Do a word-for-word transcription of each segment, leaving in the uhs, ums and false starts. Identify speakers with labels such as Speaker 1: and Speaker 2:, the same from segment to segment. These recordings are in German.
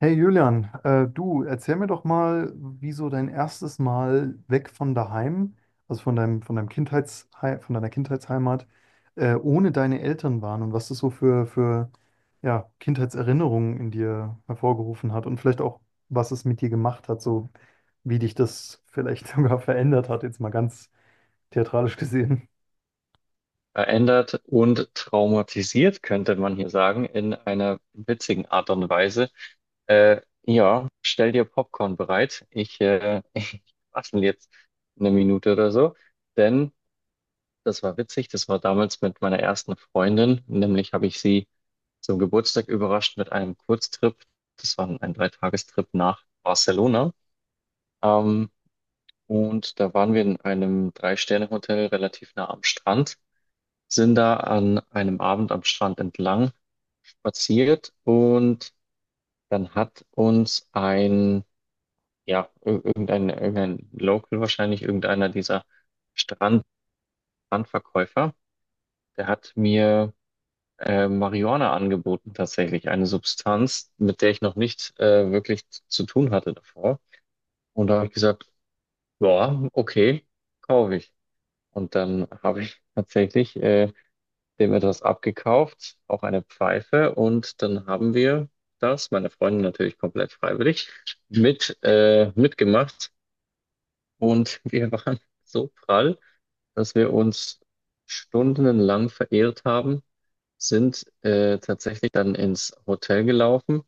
Speaker 1: Hey Julian, äh, du, erzähl mir doch mal, wie so dein erstes Mal weg von daheim, also von deinem, von deinem Kindheitshei von deiner Kindheitsheimat, äh, ohne deine Eltern waren und was das so für, für ja, Kindheitserinnerungen in dir hervorgerufen hat und vielleicht auch, was es mit dir gemacht hat, so wie dich das vielleicht sogar verändert hat, jetzt mal ganz theatralisch gesehen.
Speaker 2: Verändert und traumatisiert, könnte man hier sagen, in einer witzigen Art und Weise. Äh, ja, Stell dir Popcorn bereit. Ich, äh, ich quassel jetzt eine Minute oder so, denn das war witzig. Das war damals mit meiner ersten Freundin. Nämlich habe ich sie zum Geburtstag überrascht mit einem Kurztrip. Das war ein Dreitagestrip nach Barcelona. Ähm, und da waren wir in einem Drei-Sterne-Hotel relativ nah am Strand, sind da an einem Abend am Strand entlang spaziert, und dann hat uns ein, ja, ir- irgendein, irgendein Local wahrscheinlich, irgendeiner dieser Strand Strandverkäufer, der hat mir äh, Marihuana angeboten, tatsächlich, eine Substanz, mit der ich noch nicht äh, wirklich zu tun hatte davor. Und da habe ich gesagt, ja, okay, kaufe ich. Und dann habe ich tatsächlich äh, dem etwas abgekauft, auch eine Pfeife. Und dann haben wir das, meine Freundin natürlich komplett freiwillig, mit, äh, mitgemacht. Und wir waren so prall, dass wir uns stundenlang verehrt haben, sind äh, tatsächlich dann ins Hotel gelaufen.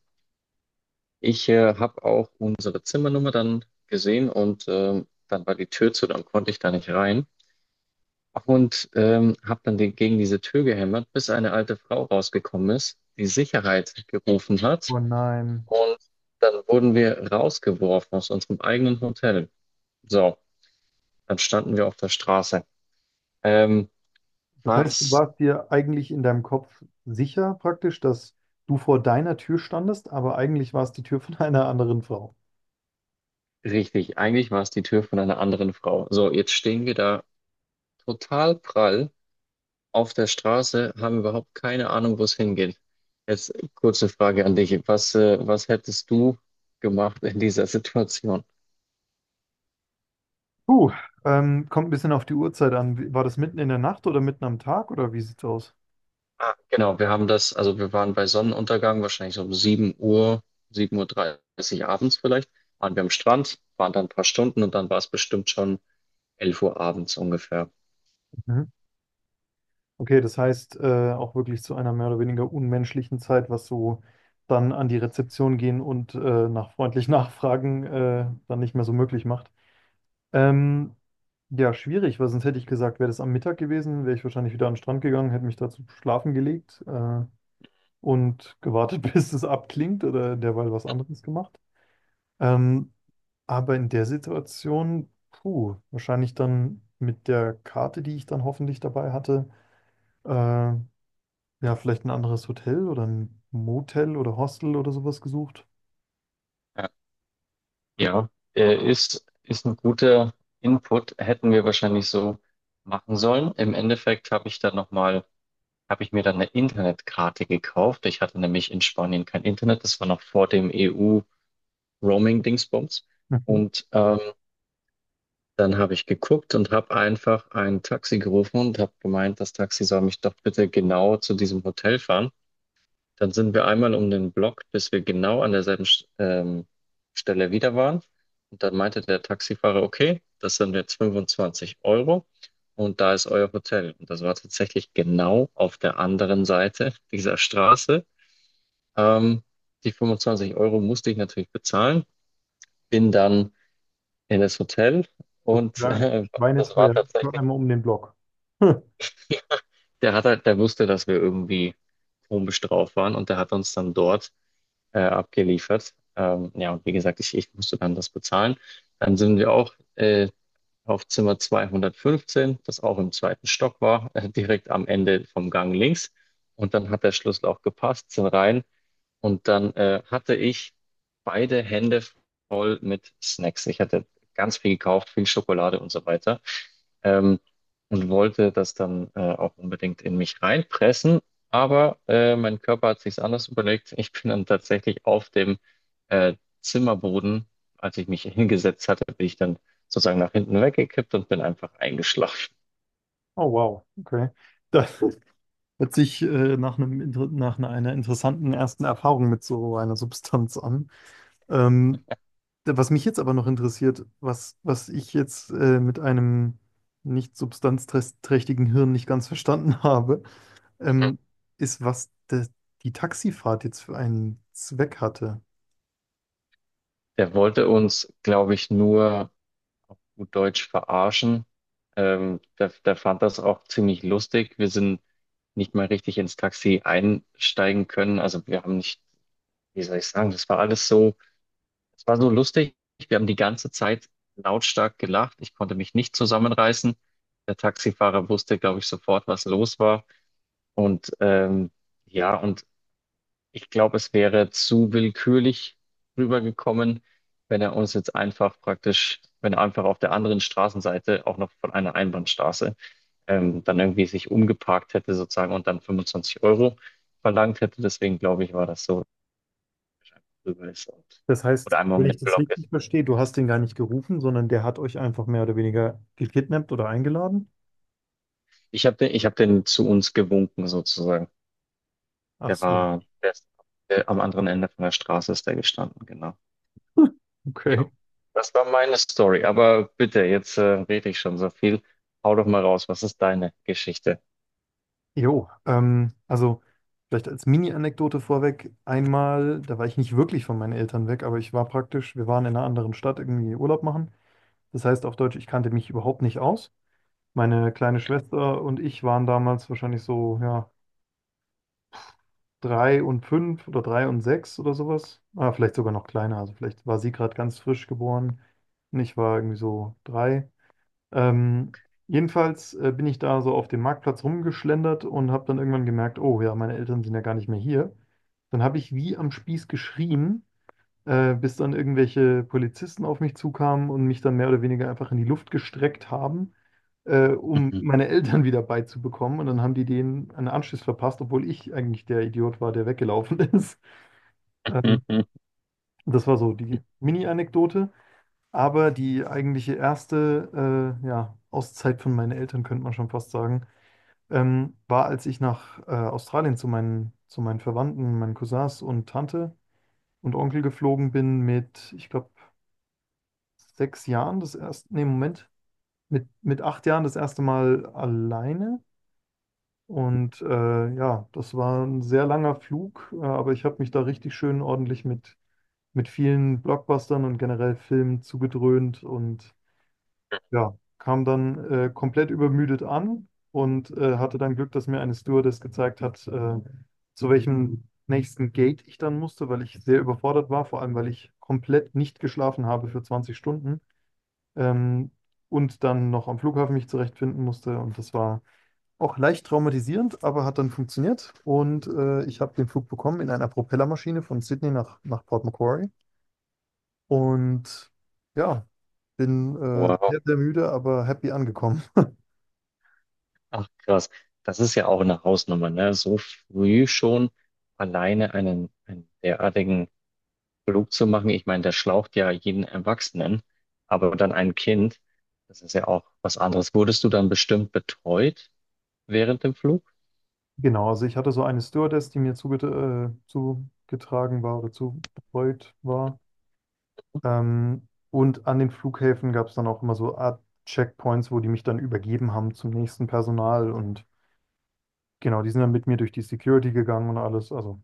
Speaker 2: Ich äh, habe auch unsere Zimmernummer dann gesehen, und ähm, dann war die Tür zu, dann konnte ich da nicht rein. Und ähm, habe dann die, gegen diese Tür gehämmert, bis eine alte Frau rausgekommen ist, die Sicherheit gerufen hat.
Speaker 1: Oh nein.
Speaker 2: Und dann wurden wir rausgeworfen aus unserem eigenen Hotel. So, dann standen wir auf der Straße. Ähm,
Speaker 1: Das heißt, du
Speaker 2: Was
Speaker 1: warst dir eigentlich in deinem Kopf sicher praktisch, dass du vor deiner Tür standest, aber eigentlich war es die Tür von einer anderen Frau.
Speaker 2: richtig, eigentlich war es die Tür von einer anderen Frau. So, jetzt stehen wir da total prall auf der Straße, haben überhaupt keine Ahnung, wo es hingeht. Jetzt kurze Frage an dich. Was, äh, was hättest du gemacht in dieser Situation?
Speaker 1: Puh, ähm, kommt ein bisschen auf die Uhrzeit an. Wie- War das mitten in der Nacht oder mitten am Tag oder wie sieht's aus?
Speaker 2: Ah, genau, wir haben das, also wir waren bei Sonnenuntergang, wahrscheinlich so um sieben Uhr, sieben Uhr dreißig abends vielleicht, waren wir am Strand, waren dann ein paar Stunden, und dann war es bestimmt schon elf Uhr abends ungefähr.
Speaker 1: Mhm. Okay, das heißt äh, auch wirklich zu einer mehr oder weniger unmenschlichen Zeit, was so dann an die Rezeption gehen und äh, nach freundlich nachfragen äh, dann nicht mehr so möglich macht. Ähm, ja, schwierig, weil sonst hätte ich gesagt, wäre das am Mittag gewesen, wäre ich wahrscheinlich wieder an den Strand gegangen, hätte mich dazu schlafen gelegt äh, und gewartet, bis es abklingt oder derweil was anderes gemacht. Ähm, aber in der Situation, puh, wahrscheinlich dann mit der Karte, die ich dann hoffentlich dabei hatte, äh, ja, vielleicht ein anderes Hotel oder ein Motel oder Hostel oder sowas gesucht.
Speaker 2: Ja, ja äh, ist, ist ein guter Input, hätten wir wahrscheinlich so machen sollen. Im Endeffekt habe ich dann nochmal, habe ich mir dann eine Internetkarte gekauft. Ich hatte nämlich in Spanien kein Internet, das war noch vor dem E U-Roaming-Dingsbums.
Speaker 1: Mhm.
Speaker 2: Und äh, dann habe ich geguckt und habe einfach ein Taxi gerufen und habe gemeint, das Taxi soll mich doch bitte genau zu diesem Hotel fahren. Dann sind wir einmal um den Block, bis wir genau an derselben Sch- ähm, Stelle wieder waren. Und dann meinte der Taxifahrer, okay, das sind jetzt fünfundzwanzig Euro und da ist euer Hotel. Und das war tatsächlich genau auf der anderen Seite dieser Straße. Ähm, Die fünfundzwanzig Euro musste ich natürlich bezahlen, bin dann in das Hotel
Speaker 1: Das
Speaker 2: und
Speaker 1: wäre
Speaker 2: äh, das war
Speaker 1: schweineteuer, nur
Speaker 2: tatsächlich.
Speaker 1: einmal um den Block.
Speaker 2: Der hat halt, der wusste, dass wir irgendwie komisch drauf waren, und der hat uns dann dort äh, abgeliefert. Ähm, ja, und wie gesagt, ich, ich musste dann das bezahlen. Dann sind wir auch äh, auf Zimmer zweihundertfünfzehn, das auch im zweiten Stock war, äh, direkt am Ende vom Gang links. Und dann hat der Schlüssel auch gepasst, sind rein. Und dann äh, hatte ich beide Hände voll mit Snacks. Ich hatte ganz viel gekauft, viel Schokolade und so weiter. Ähm, und wollte das dann äh, auch unbedingt in mich reinpressen. Aber äh, mein Körper hat sich's anders überlegt. Ich bin dann tatsächlich auf dem äh, Zimmerboden, als ich mich hingesetzt hatte, bin ich dann sozusagen nach hinten weggekippt und bin einfach eingeschlafen.
Speaker 1: Oh wow, okay. Da, hört sich äh, nach einem, inter- nach einer einer interessanten ersten Erfahrung mit so einer Substanz an. Ähm, was mich jetzt aber noch interessiert, was, was ich jetzt äh, mit einem nicht substanzträchtigen Hirn nicht ganz verstanden habe, ähm, ist, was de, die Taxifahrt jetzt für einen Zweck hatte.
Speaker 2: Der wollte uns, glaube ich, nur gut Deutsch verarschen. Ähm, der, der fand das auch ziemlich lustig. Wir sind nicht mal richtig ins Taxi einsteigen können. Also wir haben nicht, wie soll ich sagen, das war alles so, es war so lustig. Wir haben die ganze Zeit lautstark gelacht. Ich konnte mich nicht zusammenreißen. Der Taxifahrer wusste, glaube ich, sofort, was los war. Und ähm, ja, und ich glaube, es wäre zu willkürlich rübergekommen, wenn er uns jetzt einfach praktisch, wenn er einfach auf der anderen Straßenseite, auch noch von einer Einbahnstraße, ähm, dann irgendwie sich umgeparkt hätte sozusagen und dann fünfundzwanzig Euro verlangt hätte. Deswegen glaube ich, war das so, dass er einfach rüber ist und
Speaker 1: Das
Speaker 2: oder
Speaker 1: heißt,
Speaker 2: einmal
Speaker 1: wenn
Speaker 2: um
Speaker 1: ich
Speaker 2: den
Speaker 1: das
Speaker 2: Block
Speaker 1: richtig
Speaker 2: ist.
Speaker 1: verstehe, du hast den gar nicht gerufen, sondern der hat euch einfach mehr oder weniger gekidnappt oder eingeladen?
Speaker 2: Ich habe den, ich habe den zu uns gewunken sozusagen.
Speaker 1: Ach
Speaker 2: Der
Speaker 1: so,
Speaker 2: war, der ist, der, Am anderen Ende von der Straße ist der gestanden, genau. Jo,
Speaker 1: okay.
Speaker 2: das war meine Story. Aber bitte, jetzt äh, rede ich schon so viel. Hau doch mal raus, was ist deine Geschichte?
Speaker 1: Jo, ähm, also vielleicht als Mini-Anekdote vorweg, einmal, da war ich nicht wirklich von meinen Eltern weg, aber ich war praktisch, wir waren in einer anderen Stadt irgendwie Urlaub machen. Das heißt auf Deutsch, ich kannte mich überhaupt nicht aus. Meine kleine Schwester und ich waren damals wahrscheinlich so, ja, drei und fünf oder drei und sechs oder sowas. Ah, vielleicht sogar noch kleiner, also vielleicht war sie gerade ganz frisch geboren und ich war irgendwie so drei. Ähm, jedenfalls äh, bin ich da so auf dem Marktplatz rumgeschlendert und habe dann irgendwann gemerkt, oh ja, meine Eltern sind ja gar nicht mehr hier. Dann habe ich wie am Spieß geschrien, äh, bis dann irgendwelche Polizisten auf mich zukamen und mich dann mehr oder weniger einfach in die Luft gestreckt haben, äh, um meine Eltern wieder beizubekommen. Und dann haben die denen einen Anschluss verpasst, obwohl ich eigentlich der Idiot war, der weggelaufen ist. Ähm, das war so die Mini-Anekdote. Aber die eigentliche erste äh, ja, Auszeit von meinen Eltern, könnte man schon fast sagen, ähm, war, als ich nach äh, Australien zu meinen, zu meinen Verwandten, meinen Cousins und Tante und Onkel geflogen bin mit, ich glaube, sechs Jahren das erste, nee, Moment, mit, mit acht Jahren das erste Mal alleine. Und äh, ja, das war ein sehr langer Flug, äh, aber ich habe mich da richtig schön ordentlich mit, mit vielen Blockbustern und generell Filmen zugedröhnt und ja, kam dann äh, komplett übermüdet an und äh, hatte dann Glück, dass mir eine Stewardess gezeigt hat, äh, zu welchem nächsten Gate ich dann musste, weil ich sehr überfordert war, vor allem weil ich komplett nicht geschlafen habe für zwanzig Stunden, ähm, und dann noch am Flughafen mich zurechtfinden musste. Und das war auch leicht traumatisierend, aber hat dann funktioniert. Und äh, ich habe den Flug bekommen in einer Propellermaschine von Sydney nach, nach Port Macquarie. Und ja, bin äh,
Speaker 2: Wow,
Speaker 1: sehr, sehr müde, aber happy angekommen.
Speaker 2: ach krass. Das ist ja auch eine Hausnummer, ne? So früh schon alleine einen, einen derartigen Flug zu machen. Ich meine, der schlaucht ja jeden Erwachsenen, aber dann ein Kind, das ist ja auch was anderes. Wurdest du dann bestimmt betreut während dem Flug?
Speaker 1: Genau, also ich hatte so eine Stewardess, die mir zuge äh, zugetragen war oder zubetreut war. Ähm, und an den Flughäfen gab es dann auch immer so Art Checkpoints, wo die mich dann übergeben haben zum nächsten Personal. Und genau, die sind dann mit mir durch die Security gegangen und alles. Also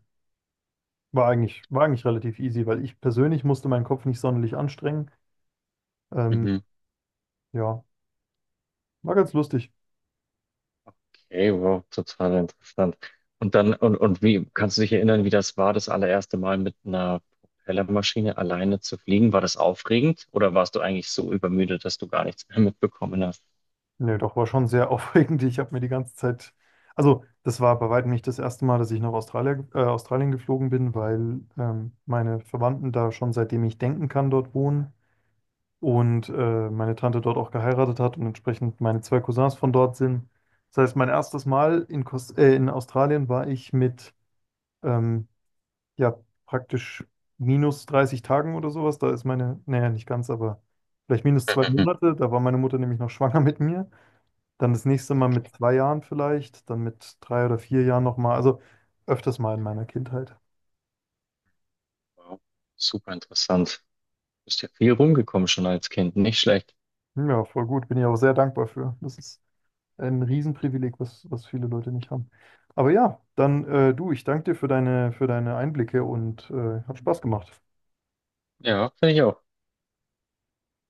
Speaker 1: war eigentlich, war eigentlich relativ easy, weil ich persönlich musste meinen Kopf nicht sonderlich anstrengen. Ähm, ja, war ganz lustig.
Speaker 2: Okay, wow, total interessant. Und dann, und, und wie, kannst du dich erinnern, wie das war, das allererste Mal mit einer Propellermaschine alleine zu fliegen? War das aufregend, oder warst du eigentlich so übermüdet, dass du gar nichts mehr mitbekommen hast?
Speaker 1: Nee, doch, war schon sehr aufregend. Ich habe mir die ganze Zeit, also das war bei weitem nicht das erste Mal, dass ich nach Australien, äh, Australien geflogen bin, weil ähm, meine Verwandten da schon seitdem ich denken kann dort wohnen und äh, meine Tante dort auch geheiratet hat und entsprechend meine zwei Cousins von dort sind. Das heißt, mein erstes Mal in, Kos äh, in Australien war ich mit ähm, ja, praktisch minus dreißig Tagen oder sowas. Da ist meine, naja, nicht ganz, aber vielleicht minus zwei
Speaker 2: Mhm.
Speaker 1: Monate. Da war meine Mutter nämlich noch schwanger mit mir. Dann das nächste Mal mit zwei Jahren vielleicht, dann mit drei oder vier Jahren nochmal. Also öfters mal in meiner Kindheit.
Speaker 2: Wow, super interessant. Bist ja viel rumgekommen schon als Kind, nicht schlecht.
Speaker 1: Ja, voll gut. Bin ich auch sehr dankbar für. Das ist ein Riesenprivileg, was, was viele Leute nicht haben. Aber ja, dann äh, du, ich danke dir für deine, für deine Einblicke und äh, hat Spaß gemacht.
Speaker 2: Ja, finde ich auch.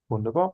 Speaker 1: Wunderbar.